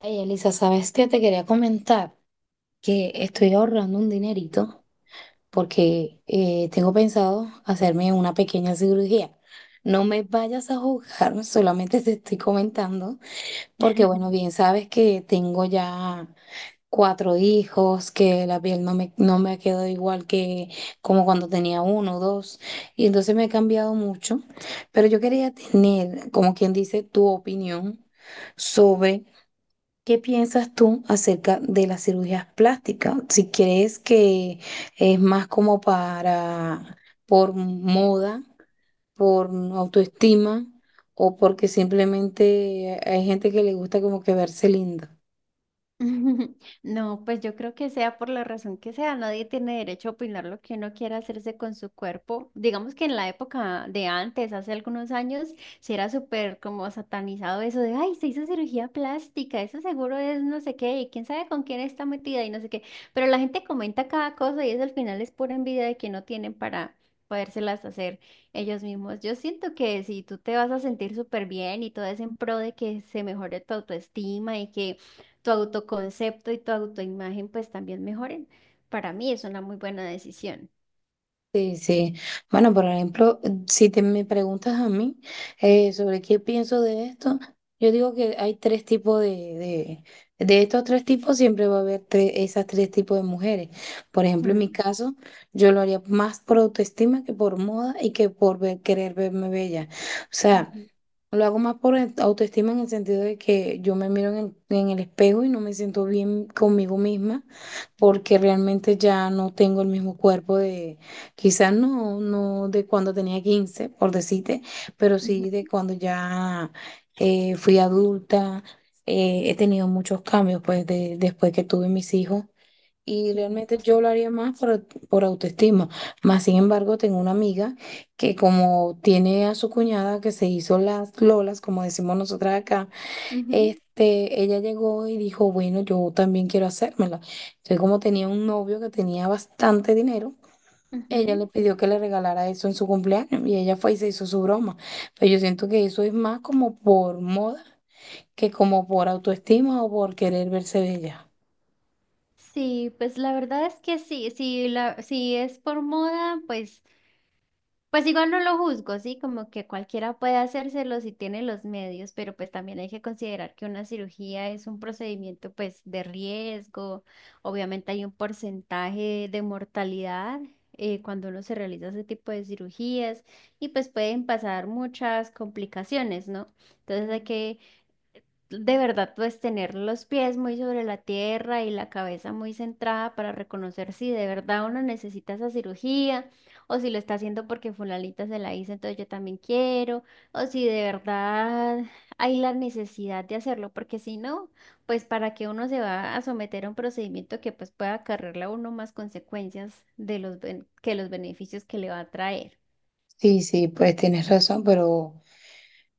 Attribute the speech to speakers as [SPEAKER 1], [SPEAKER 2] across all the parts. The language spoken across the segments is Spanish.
[SPEAKER 1] Hey, Elisa, ¿sabes qué? Te quería comentar que estoy ahorrando un dinerito porque tengo pensado hacerme una pequeña cirugía. No me vayas a juzgar, solamente te estoy comentando, porque bueno, bien sabes que tengo ya cuatro hijos, que la piel no me quedó igual que como cuando tenía uno o dos, y entonces me he cambiado mucho, pero yo quería tener, como quien dice, tu opinión sobre. ¿Qué piensas tú acerca de las cirugías plásticas? Si crees que es más como para, por moda, por autoestima, o porque simplemente hay gente que le gusta como que verse linda.
[SPEAKER 2] No, pues yo creo que sea por la razón que sea, nadie tiene derecho a opinar lo que uno quiera hacerse con su cuerpo. Digamos que en la época de antes, hace algunos años, sí era súper como satanizado eso de, ay, se hizo cirugía plástica, eso seguro es no sé qué, y quién sabe con quién está metida y no sé qué. Pero la gente comenta cada cosa y eso al final es pura envidia de que no tienen para podérselas hacer ellos mismos. Yo siento que si tú te vas a sentir súper bien y todo es en pro de que se mejore tu autoestima y que tu autoconcepto y tu autoimagen pues también mejoren. Para mí es una muy buena decisión.
[SPEAKER 1] Sí, sí. Bueno, por ejemplo, si te me preguntas a mí sobre qué pienso de esto, yo digo que hay tres tipos de, estos tres tipos siempre va a haber tres, esas tres tipos de mujeres. Por ejemplo, en mi
[SPEAKER 2] Mm,
[SPEAKER 1] caso, yo lo haría más por autoestima que por moda y que por querer verme bella. O sea.
[SPEAKER 2] ujú,
[SPEAKER 1] Lo hago más por autoestima en el sentido de que yo me miro en el espejo y no me siento bien conmigo misma porque realmente ya no tengo el mismo cuerpo de, quizás no de cuando tenía 15 por decirte, pero sí
[SPEAKER 2] ujú,
[SPEAKER 1] de cuando ya fui adulta. He tenido muchos cambios pues de, después que tuve mis hijos y
[SPEAKER 2] sí.
[SPEAKER 1] realmente yo lo haría más por autoestima. Más sin embargo, tengo una amiga que como tiene a su cuñada que se hizo las lolas, como decimos nosotras acá,
[SPEAKER 2] Ujú,
[SPEAKER 1] este, ella llegó y dijo, bueno, yo también quiero hacérmela. Entonces, como tenía un novio que tenía bastante dinero, ella
[SPEAKER 2] ujú.
[SPEAKER 1] le pidió que le regalara eso en su cumpleaños y ella fue y se hizo su broma. Pero yo siento que eso es más como por moda que como por autoestima o por querer verse bella.
[SPEAKER 2] Sí, pues la verdad es que sí, si es por moda, pues pues igual no lo juzgo, sí, como que cualquiera puede hacérselo si tiene los medios, pero pues también hay que considerar que una cirugía es un procedimiento pues de riesgo, obviamente hay un porcentaje de mortalidad cuando uno se realiza ese tipo de cirugías y pues pueden pasar muchas complicaciones, ¿no? Entonces hay que de verdad, pues tener los pies muy sobre la tierra y la cabeza muy centrada para reconocer si de verdad uno necesita esa cirugía o si lo está haciendo porque fulanita se la hizo, entonces yo también quiero, o si de verdad hay la necesidad de hacerlo, porque si no, pues para que uno se va a someter a un procedimiento que pues pueda acarrearle a uno más consecuencias de los que los beneficios que le va a traer.
[SPEAKER 1] Sí, sí, pues tienes razón, pero...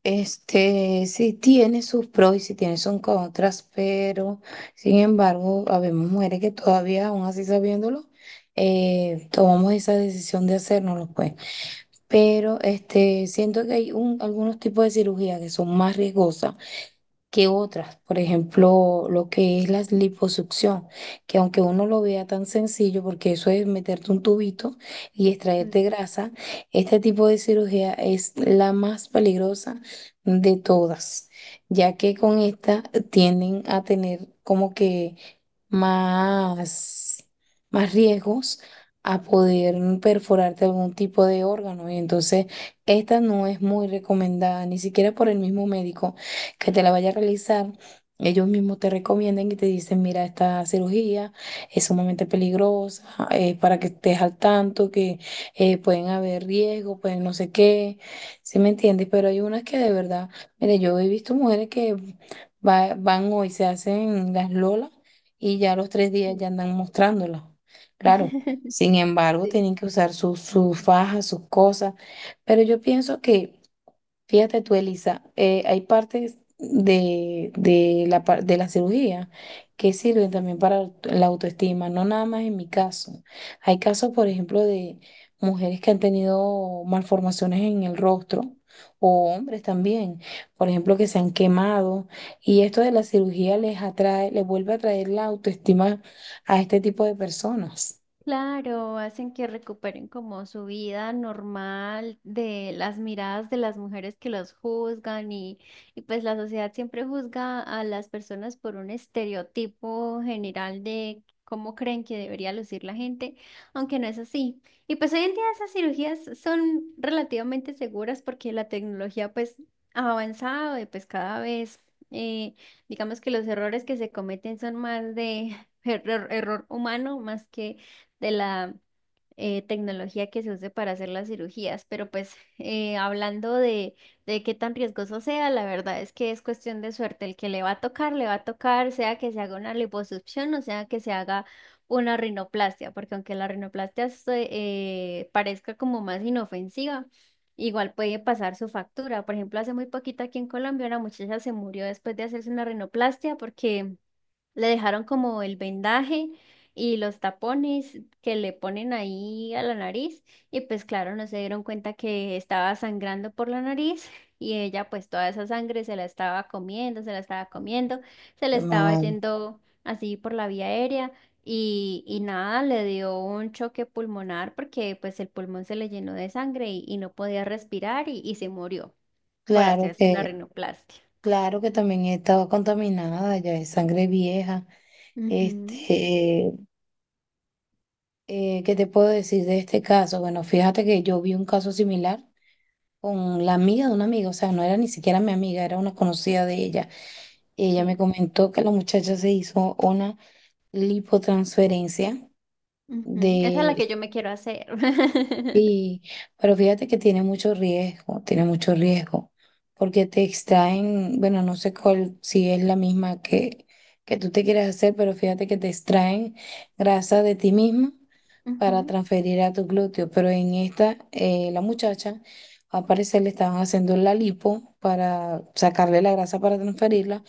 [SPEAKER 1] Este, sí tiene sus pros y sí tiene sus contras, pero sin embargo, habemos mujeres que todavía, aún así sabiéndolo, tomamos esa decisión de hacérnoslo, pues. Pero este, siento que hay un, algunos tipos de cirugía que son más riesgosas que otras, por ejemplo, lo que es la liposucción, que aunque uno lo vea tan sencillo, porque eso es meterte un tubito y
[SPEAKER 2] Mm,
[SPEAKER 1] extraerte grasa, este tipo de cirugía es la más peligrosa de todas, ya que con esta tienden a tener como que más, más riesgos a poder perforarte algún tipo de órgano. Y entonces esta no es muy recomendada, ni siquiera por el mismo médico que te la vaya a realizar. Ellos mismos te recomiendan y te dicen, mira, esta cirugía es sumamente peligrosa, para que estés al tanto, que pueden haber riesgos, pueden no sé qué, ¿sí me entiendes? Pero hay unas que de verdad, mire, yo he visto mujeres que van hoy, se hacen las lolas y ya a los tres días
[SPEAKER 2] sí.
[SPEAKER 1] ya andan mostrándola. Claro, sin embargo,
[SPEAKER 2] Sí.
[SPEAKER 1] tienen que usar sus fajas, sus cosas, pero yo pienso que. Fíjate tú, Elisa, hay partes de de la cirugía que sirven también para la autoestima, no nada más en mi caso. Hay casos, por ejemplo, de mujeres que han tenido malformaciones en el rostro o hombres también, por ejemplo, que se han quemado y esto de la cirugía les atrae, les vuelve a traer la autoestima a este tipo de personas.
[SPEAKER 2] Claro, hacen que recuperen como su vida normal de las miradas de las mujeres que los juzgan y pues la sociedad siempre juzga a las personas por un estereotipo general de cómo creen que debería lucir la gente, aunque no es así. Y pues hoy en día esas cirugías son relativamente seguras porque la tecnología pues ha avanzado y pues cada vez eh, digamos que los errores que se cometen son más de error humano más que de la tecnología que se use para hacer las cirugías. Pero pues hablando de qué tan riesgoso sea, la verdad es que es cuestión de suerte. El que le va a tocar, le va a tocar, sea que se haga una liposucción o sea que se haga una rinoplastia, porque aunque la rinoplastia parezca como más inofensiva, igual puede pasar su factura. Por ejemplo, hace muy poquito aquí en Colombia una muchacha se murió después de hacerse una rinoplastia porque le dejaron como el vendaje y los tapones que le ponen ahí a la nariz y pues claro, no se dieron cuenta que estaba sangrando por la nariz y ella pues toda esa sangre se la estaba comiendo, se la estaba comiendo, se le
[SPEAKER 1] Qué
[SPEAKER 2] estaba
[SPEAKER 1] mal.
[SPEAKER 2] yendo así por la vía aérea y nada, le dio un choque pulmonar porque pues el pulmón se le llenó de sangre y no podía respirar y se murió por
[SPEAKER 1] Claro
[SPEAKER 2] hacerse la
[SPEAKER 1] que.
[SPEAKER 2] rinoplastia.
[SPEAKER 1] Claro que también estaba contaminada, ya es sangre vieja.
[SPEAKER 2] Ujú,
[SPEAKER 1] Este, ¿qué te puedo decir de este caso? Bueno, fíjate que yo vi un caso similar con la amiga de una amiga, o sea, no era ni siquiera mi amiga, era una conocida de ella. Ella me
[SPEAKER 2] sí.
[SPEAKER 1] comentó que la muchacha se hizo una lipotransferencia
[SPEAKER 2] Ujú, esa es la
[SPEAKER 1] de.
[SPEAKER 2] que yo me quiero hacer.
[SPEAKER 1] Sí, pero fíjate que tiene mucho riesgo, porque te extraen, bueno, no sé cuál, si es la misma que tú te quieres hacer, pero fíjate que te extraen grasa de ti misma para
[SPEAKER 2] Ujú,
[SPEAKER 1] transferir a tu glúteo, pero en esta, la muchacha, al parecer le estaban haciendo la lipo para sacarle la grasa para transferirla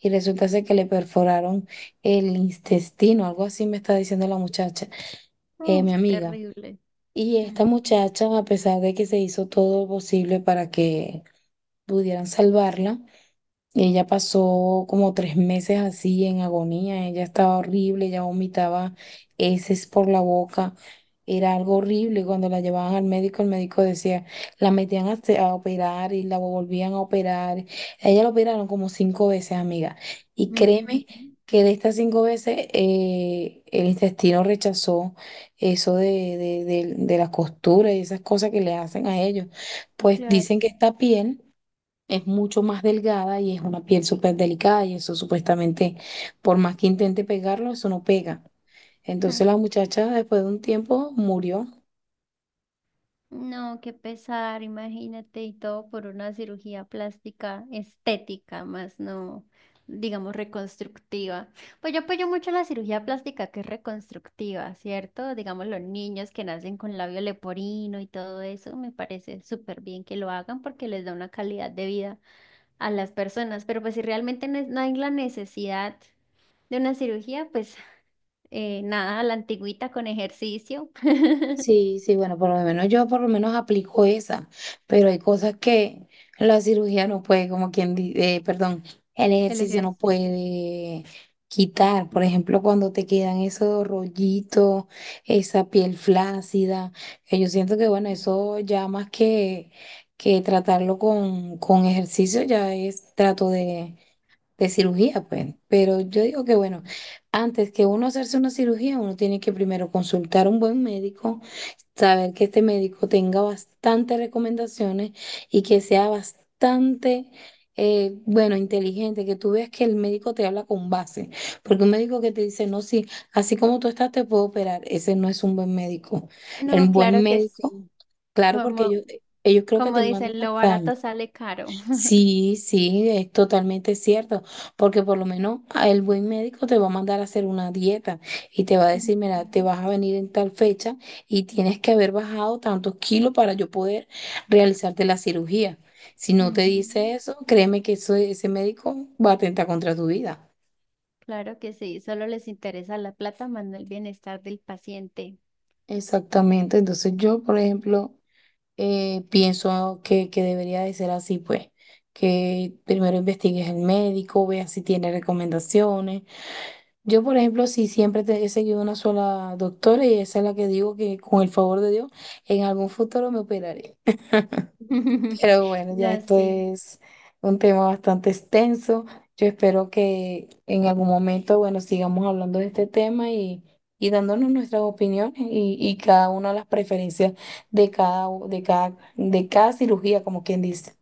[SPEAKER 1] y resulta ser que le perforaron el intestino, algo así me está diciendo la muchacha,
[SPEAKER 2] uf,
[SPEAKER 1] mi amiga.
[SPEAKER 2] terrible.
[SPEAKER 1] Y esta muchacha, a pesar de que se hizo todo lo posible para que pudieran salvarla, ella pasó como tres meses así en agonía, ella estaba horrible, ella vomitaba heces por la boca, era algo horrible. Cuando la llevaban al médico, el médico decía, la metían a, a operar y la volvían a operar. A ella la operaron como cinco veces, amiga. Y
[SPEAKER 2] Ujú,
[SPEAKER 1] créeme
[SPEAKER 2] ujú,
[SPEAKER 1] que de estas cinco veces el intestino rechazó eso de la costura y esas cosas que le hacen a ellos. Pues
[SPEAKER 2] claro.
[SPEAKER 1] dicen que esta piel es mucho más delgada y es una piel súper delicada y eso supuestamente, por más que intente pegarlo, eso no pega. Entonces
[SPEAKER 2] Mm,
[SPEAKER 1] la muchacha después de un tiempo murió.
[SPEAKER 2] no, qué pesar, imagínate, y todo por una cirugía plástica estética, más no, digamos, reconstructiva. Pues yo apoyo mucho la cirugía plástica que es reconstructiva, ¿cierto? Digamos, los niños que nacen con labio leporino y todo eso, me parece súper bien que lo hagan porque les da una calidad de vida a las personas, pero pues si realmente no, no hay la necesidad de una cirugía, pues nada, a la antigüita con ejercicio.
[SPEAKER 1] Sí, sí, bueno, por lo menos yo por lo menos aplico esa, pero hay cosas que la cirugía no puede, como quien dice, perdón, el
[SPEAKER 2] El
[SPEAKER 1] ejercicio no
[SPEAKER 2] ejercicio.
[SPEAKER 1] puede quitar. Por ejemplo, cuando te quedan esos rollitos, esa piel flácida, que yo siento que bueno, eso ya más que tratarlo con ejercicio, ya es trato de cirugía, pues. Pero yo digo que, bueno, antes que uno hacerse una cirugía, uno tiene que primero consultar a un buen médico, saber que este médico tenga bastantes recomendaciones y que sea bastante, bueno, inteligente, que tú veas que el médico te habla con base, porque un médico que te dice, no, sí, así como tú estás, te puedo operar, ese no es un buen médico. El
[SPEAKER 2] No,
[SPEAKER 1] buen
[SPEAKER 2] claro que
[SPEAKER 1] médico,
[SPEAKER 2] sí.
[SPEAKER 1] claro, porque
[SPEAKER 2] Como,
[SPEAKER 1] ellos creo que
[SPEAKER 2] como
[SPEAKER 1] te mandan
[SPEAKER 2] dicen, lo
[SPEAKER 1] hasta...
[SPEAKER 2] barato sale caro.
[SPEAKER 1] Sí, sí, es totalmente cierto, porque por lo menos a el buen médico te va a mandar a hacer una dieta y te va a
[SPEAKER 2] Ujú,
[SPEAKER 1] decir, mira, te vas a venir en tal fecha y tienes que haber bajado tantos kilos para yo poder realizarte la cirugía. Si no te
[SPEAKER 2] ujú.
[SPEAKER 1] dice eso, créeme que ese médico va a atentar contra tu vida.
[SPEAKER 2] Claro que sí, solo les interesa la plata, más no el bienestar del paciente.
[SPEAKER 1] Exactamente, entonces yo, por ejemplo, pienso que debería de ser así, pues, que primero investigues el médico, veas si tiene recomendaciones. Yo, por ejemplo, sí siempre he seguido una sola doctora y esa es la que digo que con el favor de Dios en algún futuro me operaré. Pero bueno, ya
[SPEAKER 2] No,
[SPEAKER 1] esto
[SPEAKER 2] sí.
[SPEAKER 1] es un tema bastante extenso. Yo espero que en algún momento, bueno, sigamos hablando de este tema y dándonos nuestras opiniones y cada una de las preferencias de cada, de cada, de cada cirugía, como quien dice.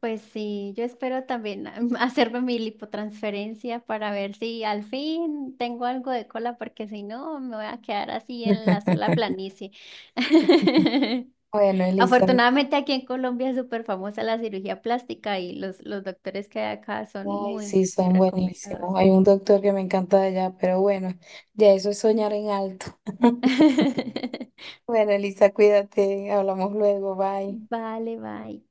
[SPEAKER 2] Pues sí, yo espero también ah, hacerme mi lipotransferencia para ver si al fin tengo algo de cola, porque si no me voy a quedar así en la sola planicie.
[SPEAKER 1] Bueno, Elizabeth.
[SPEAKER 2] Afortunadamente aquí en Colombia es súper famosa la cirugía plástica y los doctores que hay acá son
[SPEAKER 1] Ay,
[SPEAKER 2] muy, muy,
[SPEAKER 1] sí,
[SPEAKER 2] muy
[SPEAKER 1] son
[SPEAKER 2] recomendados.
[SPEAKER 1] buenísimos. Hay un doctor que me encanta de allá, pero bueno, ya eso es soñar en alto. Bueno, Elisa, cuídate, hablamos luego, bye.
[SPEAKER 2] Vale, bye.